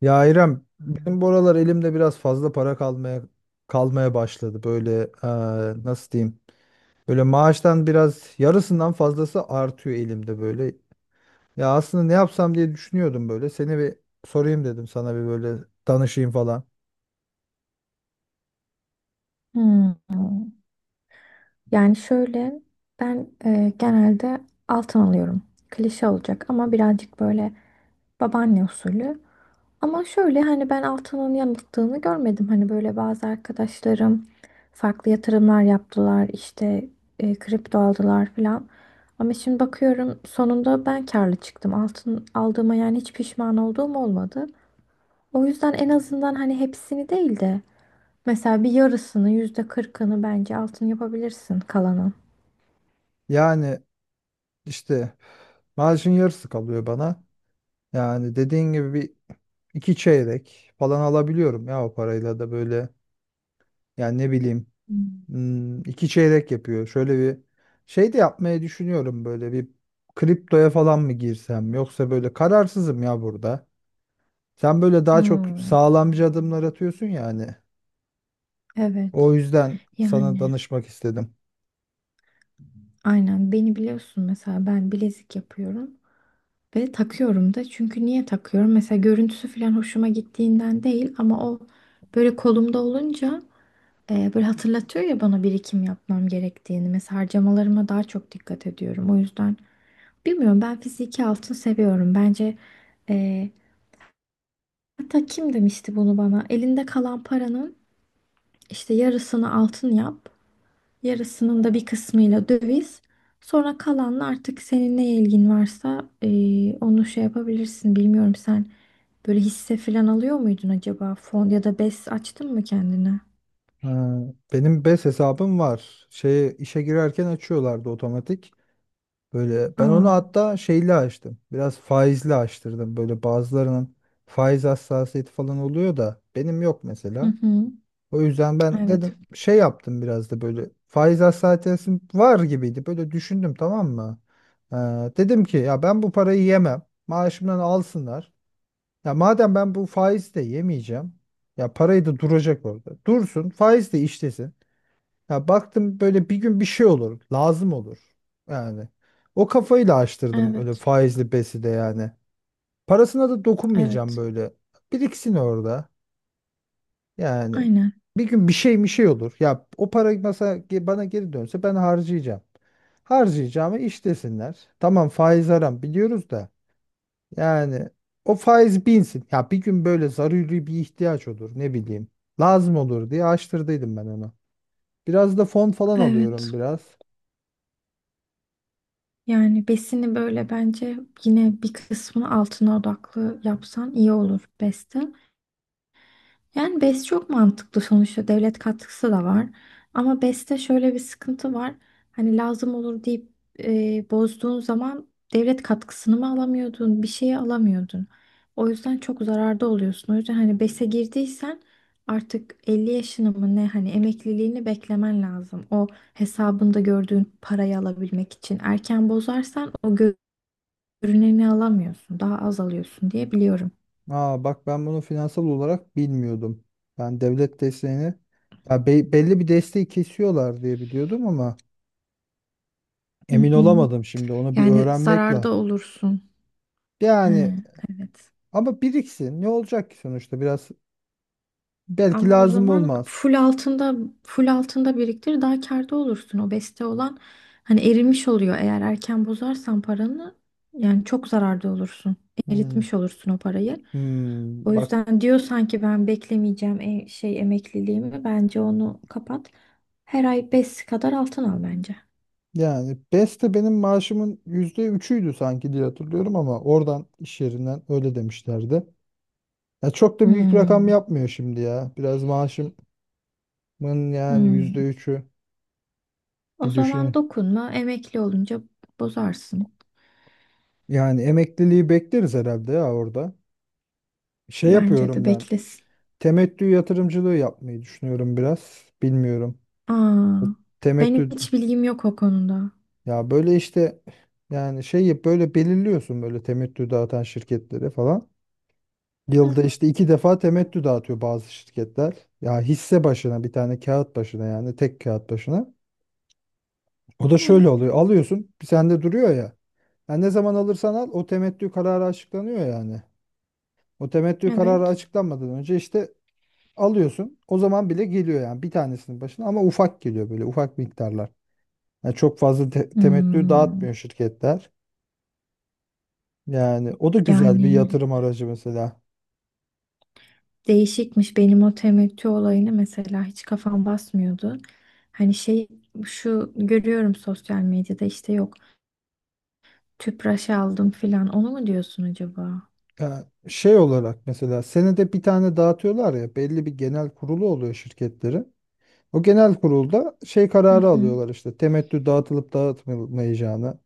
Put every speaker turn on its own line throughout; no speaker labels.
Ya İrem, benim bu aralar elimde biraz fazla para kalmaya başladı. Böyle nasıl diyeyim? Böyle maaştan biraz yarısından fazlası artıyor elimde böyle. Ya aslında ne yapsam diye düşünüyordum böyle. Seni bir sorayım dedim, sana bir böyle danışayım falan.
Hmm. Yani şöyle ben genelde altın alıyorum. Klişe olacak ama birazcık böyle babaanne usulü. Ama şöyle hani ben altının yanıldığını görmedim. Hani böyle bazı arkadaşlarım farklı yatırımlar yaptılar işte kripto aldılar falan. Ama şimdi bakıyorum sonunda ben karlı çıktım. Altın aldığıma yani hiç pişman olduğum olmadı. O yüzden en azından hani hepsini değil de mesela bir yarısını, %40'ını bence altın yapabilirsin kalanın.
Yani işte maaşın yarısı kalıyor bana. Yani dediğin gibi bir iki çeyrek falan alabiliyorum ya o parayla da böyle. Yani ne bileyim.
Hmm.
Hmm, 2 çeyrek yapıyor. Şöyle bir şey de yapmayı düşünüyorum, böyle bir kriptoya falan mı girsem, yoksa böyle kararsızım ya burada. Sen böyle daha çok
Hmm,
sağlamcı adımlar atıyorsun yani.
evet.
O yüzden sana
Yani
danışmak istedim.
aynen beni biliyorsun, mesela ben bilezik yapıyorum ve takıyorum da. Çünkü niye takıyorum? Mesela görüntüsü falan hoşuma gittiğinden değil, ama o böyle kolumda olunca böyle hatırlatıyor ya bana birikim yapmam gerektiğini. Mesela harcamalarıma daha çok dikkat ediyorum. O yüzden bilmiyorum, ben fiziki altın seviyorum. Bence e, hatta kim demişti bunu bana? Elinde kalan paranın İşte yarısını altın yap, yarısının da bir kısmıyla döviz. Sonra kalanla artık senin ne ilgin varsa onu şey yapabilirsin. Bilmiyorum, sen böyle hisse falan alıyor muydun acaba? Fon ya da BES açtın mı kendine?
Ha, benim BES hesabım var. Şeye, işe girerken açıyorlardı otomatik. Böyle ben
Aa,
onu hatta şeyle açtım. Biraz faizli açtırdım. Böyle bazılarının faiz hassasiyeti falan oluyor da benim yok
hı
mesela.
hı.
O yüzden ben
Evet,
dedim şey yaptım, biraz da böyle faiz hassasiyetim var gibiydi. Böyle düşündüm, tamam mı? Ee, Dedim ki ya ben bu parayı yemem. Maaşımdan alsınlar. Ya madem ben bu faizi de yemeyeceğim. Ya parayı da duracak orada. Dursun, faiz de işlesin. Ya baktım böyle bir gün bir şey olur. Lazım olur. Yani o kafayla açtırdım öyle
evet,
faizli besi de yani. Parasına da dokunmayacağım
evet.
böyle. Biriksin orada. Yani
Aynen,
bir gün bir şey olur. Ya o para mesela bana geri dönse ben harcayacağım. Harcayacağımı iş desinler. Tamam, faiz haram biliyoruz da. Yani o faiz binsin. Ya bir gün böyle zaruri bir ihtiyaç olur, ne bileyim. Lazım olur diye açtırdıydım ben onu. Biraz da fon falan alıyorum
evet.
biraz.
Yani besini böyle bence yine bir kısmını altına odaklı yapsan iyi olur beste. Yani BES çok mantıklı, sonuçta devlet katkısı da var. Ama BES'te şöyle bir sıkıntı var. Hani lazım olur deyip bozduğun zaman devlet katkısını mı alamıyordun, bir şeyi alamıyordun. O yüzden çok zararda oluyorsun. O yüzden hani BES'e girdiysen artık 50 yaşını mı ne, hani emekliliğini beklemen lazım. O hesabında gördüğün parayı alabilmek için. Erken bozarsan o görüneni alamıyorsun, daha az alıyorsun diye biliyorum.
Aa, bak ben bunu finansal olarak bilmiyordum. Ben devlet desteğini, ya belli bir desteği kesiyorlar diye biliyordum ama
Hı
emin
hı.
olamadım, şimdi onu bir
Yani
öğrenmek
zararda
lazım.
olursun.
Yani
He, evet.
ama biriksin. Ne olacak ki sonuçta? Biraz belki
Ama o
lazım
zaman
olmaz.
full altında biriktir, daha kârda olursun. O beste olan hani erimiş oluyor. Eğer erken bozarsan paranı yani çok zararda olursun.
Hmm.
Eritmiş olursun o parayı.
Hmm.
O
Bak,
yüzden diyorsan ki ben beklemeyeceğim şey emekliliğimi, bence onu kapat. Her ay 5 kadar altın al bence.
yani beste benim maaşımın %3'üydü sanki diye hatırlıyorum, ama oradan, iş yerinden öyle demişlerdi. Ya çok da büyük rakam
Hmm,
yapmıyor şimdi ya. Biraz maaşımın yani
hmm.
%3'ü,
O
bir
zaman
düşün.
dokunma, emekli olunca bozarsın.
Yani emekliliği bekleriz herhalde ya orada. Şey
Bence de
yapıyorum ben.
beklesin.
Temettü yatırımcılığı yapmayı düşünüyorum biraz. Bilmiyorum.
Aa, ben
Temettü
hiç bilgim yok o konuda.
Ya böyle işte yani şeyi böyle belirliyorsun, böyle temettü dağıtan şirketleri falan. Yılda
Hı
işte 2 defa temettü dağıtıyor bazı şirketler. Ya hisse başına, bir tane kağıt başına, yani tek kağıt başına. O da şöyle
hı.
oluyor. Alıyorsun, sende duruyor ya. Yani ne zaman alırsan al o temettü kararı açıklanıyor yani. O temettü kararı
Evet.
açıklanmadan önce işte alıyorsun. O zaman bile geliyor yani bir tanesinin başına, ama ufak geliyor, böyle ufak miktarlar. Yani çok fazla temettü
Hmm,
dağıtmıyor şirketler. Yani o da güzel bir
yani
yatırım aracı mesela.
değişikmiş, benim o temettü olayını mesela hiç kafam basmıyordu. Hani şu görüyorum sosyal medyada, işte yok tüpraş aldım filan, onu mu diyorsun acaba?
Yani şey olarak mesela, senede bir tane dağıtıyorlar ya, belli bir genel kurulu oluyor şirketlerin. O genel kurulda şey
Hı
kararı
hı.
alıyorlar, işte temettü dağıtılıp dağıtılmayacağını,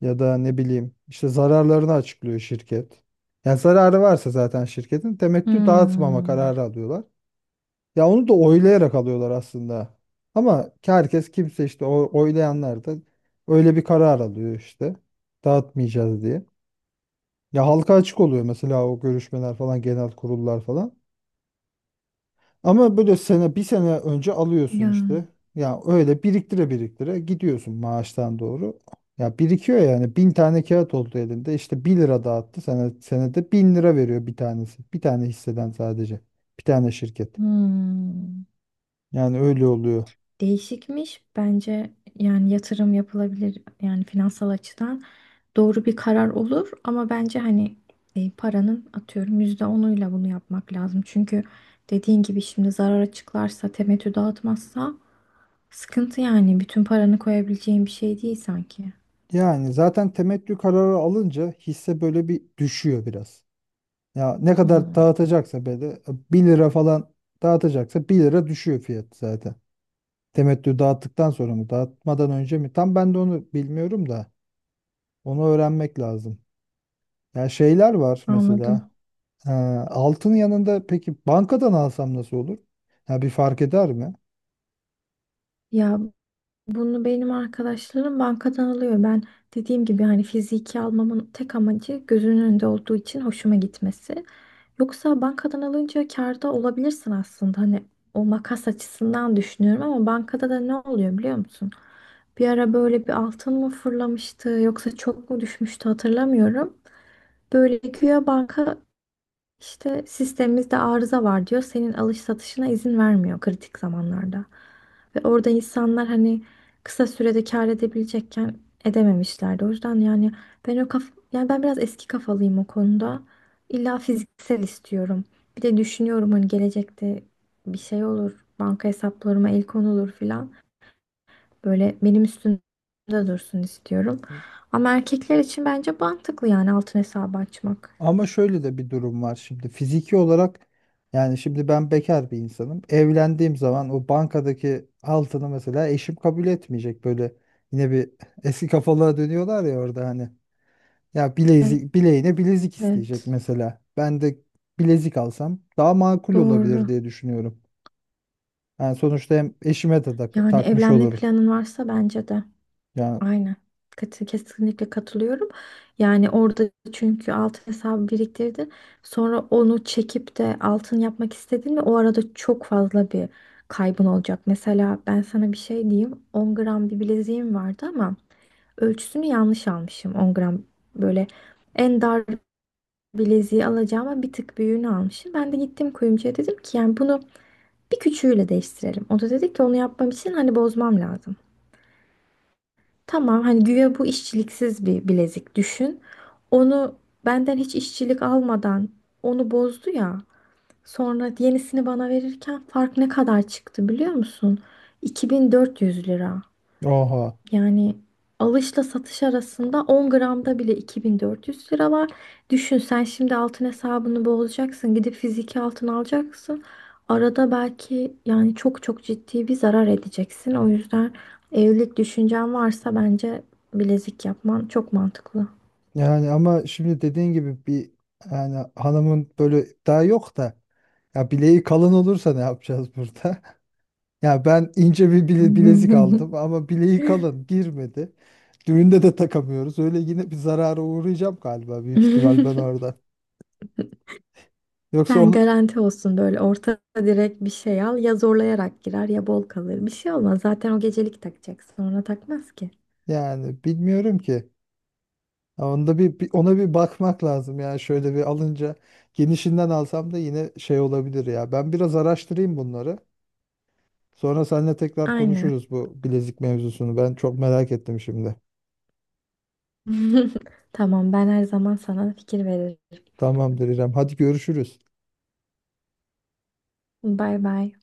ya da ne bileyim işte zararlarını açıklıyor şirket. Yani zararı varsa zaten şirketin, temettü dağıtmama
Hmm.
kararı alıyorlar. Ya onu da oylayarak alıyorlar aslında. Ama herkes, kimse işte o oylayanlar da öyle bir karar alıyor, işte dağıtmayacağız diye. Ya halka açık oluyor mesela, o görüşmeler falan, genel kurullar falan. Ama böyle sene bir sene önce alıyorsun
Ya.
işte. Ya öyle biriktire biriktire gidiyorsun maaştan doğru. Ya birikiyor yani, 1.000 tane kağıt oldu elinde, işte bir lira dağıttı, senede 1.000 lira veriyor bir tanesi. Bir tane hisseden, sadece bir tane şirket.
Hmm.
Yani öyle oluyor.
Değişikmiş. Bence yani yatırım yapılabilir, yani finansal açıdan doğru bir karar olur, ama bence hani paranın atıyorum %10'uyla bunu yapmak lazım. Çünkü dediğin gibi şimdi zarara çıklarsa, temettü dağıtmazsa sıkıntı. Yani bütün paranı koyabileceğin bir şey değil sanki.
Yani zaten temettü kararı alınca hisse böyle bir düşüyor biraz. Ya ne kadar
Hmm.
dağıtacaksa, böyle bir lira falan dağıtacaksa, bir lira düşüyor fiyat zaten. Temettü dağıttıktan sonra mı, dağıtmadan önce mi? Tam ben de onu bilmiyorum da. Onu öğrenmek lazım. Ya şeyler var mesela.
Anladım.
Ee, altın yanında peki bankadan alsam nasıl olur? Ya bir fark eder mi?
Ya, bunu benim arkadaşlarım bankadan alıyor. Ben dediğim gibi hani fiziki almamın tek amacı, gözünün önünde olduğu için hoşuma gitmesi. Yoksa bankadan alınca kârda olabilirsin aslında. Hani o makas açısından düşünüyorum ama bankada da ne oluyor biliyor musun? Bir ara böyle bir altın mı fırlamıştı yoksa çok mu düşmüştü, hatırlamıyorum. Böyle güya banka işte sistemimizde arıza var diyor. Senin alış satışına izin vermiyor kritik zamanlarda. Ve orada insanlar hani kısa sürede kâr edebilecekken edememişlerdi. O yüzden yani ben o kaf yani ben biraz eski kafalıyım o konuda. İlla fiziksel istiyorum. Bir de düşünüyorum hani gelecekte bir şey olur, banka hesaplarıma el konulur filan. Böyle benim üstümde dursun istiyorum. Ama erkekler için bence mantıklı yani altın hesabı açmak.
Ama şöyle de bir durum var şimdi. Fiziki olarak, yani şimdi ben bekar bir insanım. Evlendiğim zaman o bankadaki altını mesela eşim kabul etmeyecek. Böyle yine bir, eski kafalara dönüyorlar ya orada hani. Ya bilezik, bileğine bilezik isteyecek
Evet,
mesela. Ben de bilezik alsam daha makul olabilir
doğru.
diye düşünüyorum. Yani sonuçta hem eşime de
Yani
takmış
evlenme
olurum.
planın varsa bence de.
Yani
Aynen. Kesinlikle katılıyorum. Yani orada çünkü altın hesabı biriktirdin. Sonra onu çekip de altın yapmak istedin mi? O arada çok fazla bir kaybın olacak. Mesela ben sana bir şey diyeyim. 10 gram bir bileziğim vardı ama ölçüsünü yanlış almışım. 10 gram böyle en dar bileziği alacağıma bir tık büyüğünü almışım. Ben de gittim kuyumcuya, dedim ki yani bunu bir küçüğüyle değiştirelim. O da dedi ki onu yapmam için hani bozmam lazım. Tamam, hani güya bu işçiliksiz bir bilezik düşün. Onu benden hiç işçilik almadan onu bozdu ya. Sonra yenisini bana verirken fark ne kadar çıktı biliyor musun? 2400 lira.
oha.
Yani alışla satış arasında 10 gramda bile 2400 lira var. Düşün sen şimdi altın hesabını bozacaksın. Gidip fiziki altın alacaksın. Arada belki yani çok çok ciddi bir zarar edeceksin. O yüzden evlilik düşüncen varsa bence bilezik yapman çok mantıklı.
Yani ama şimdi dediğin gibi bir, yani hanımın böyle daha yok da, ya bileği kalın olursa ne yapacağız burada? Ya ben ince bir bilezik aldım ama bileği kalın girmedi. Düğünde de takamıyoruz. Öyle yine bir zarara uğrayacağım galiba, büyük ihtimal ben orada. Yoksa
Sen
onu,
garanti olsun böyle orta direkt bir şey al. Ya zorlayarak girer ya bol kalır. Bir şey olmaz. Zaten o gecelik takacak. Sonra takmaz ki.
yani bilmiyorum ki. Ya onda bir, ona bir bakmak lazım, yani şöyle bir alınca genişinden alsam da yine şey olabilir ya. Ben biraz araştırayım bunları. Sonra seninle tekrar
Aynen.
konuşuruz bu bilezik mevzusunu. Ben çok merak ettim şimdi.
Tamam, ben her zaman sana fikir veririm.
Tamamdır İrem. Hadi görüşürüz.
Bay bay.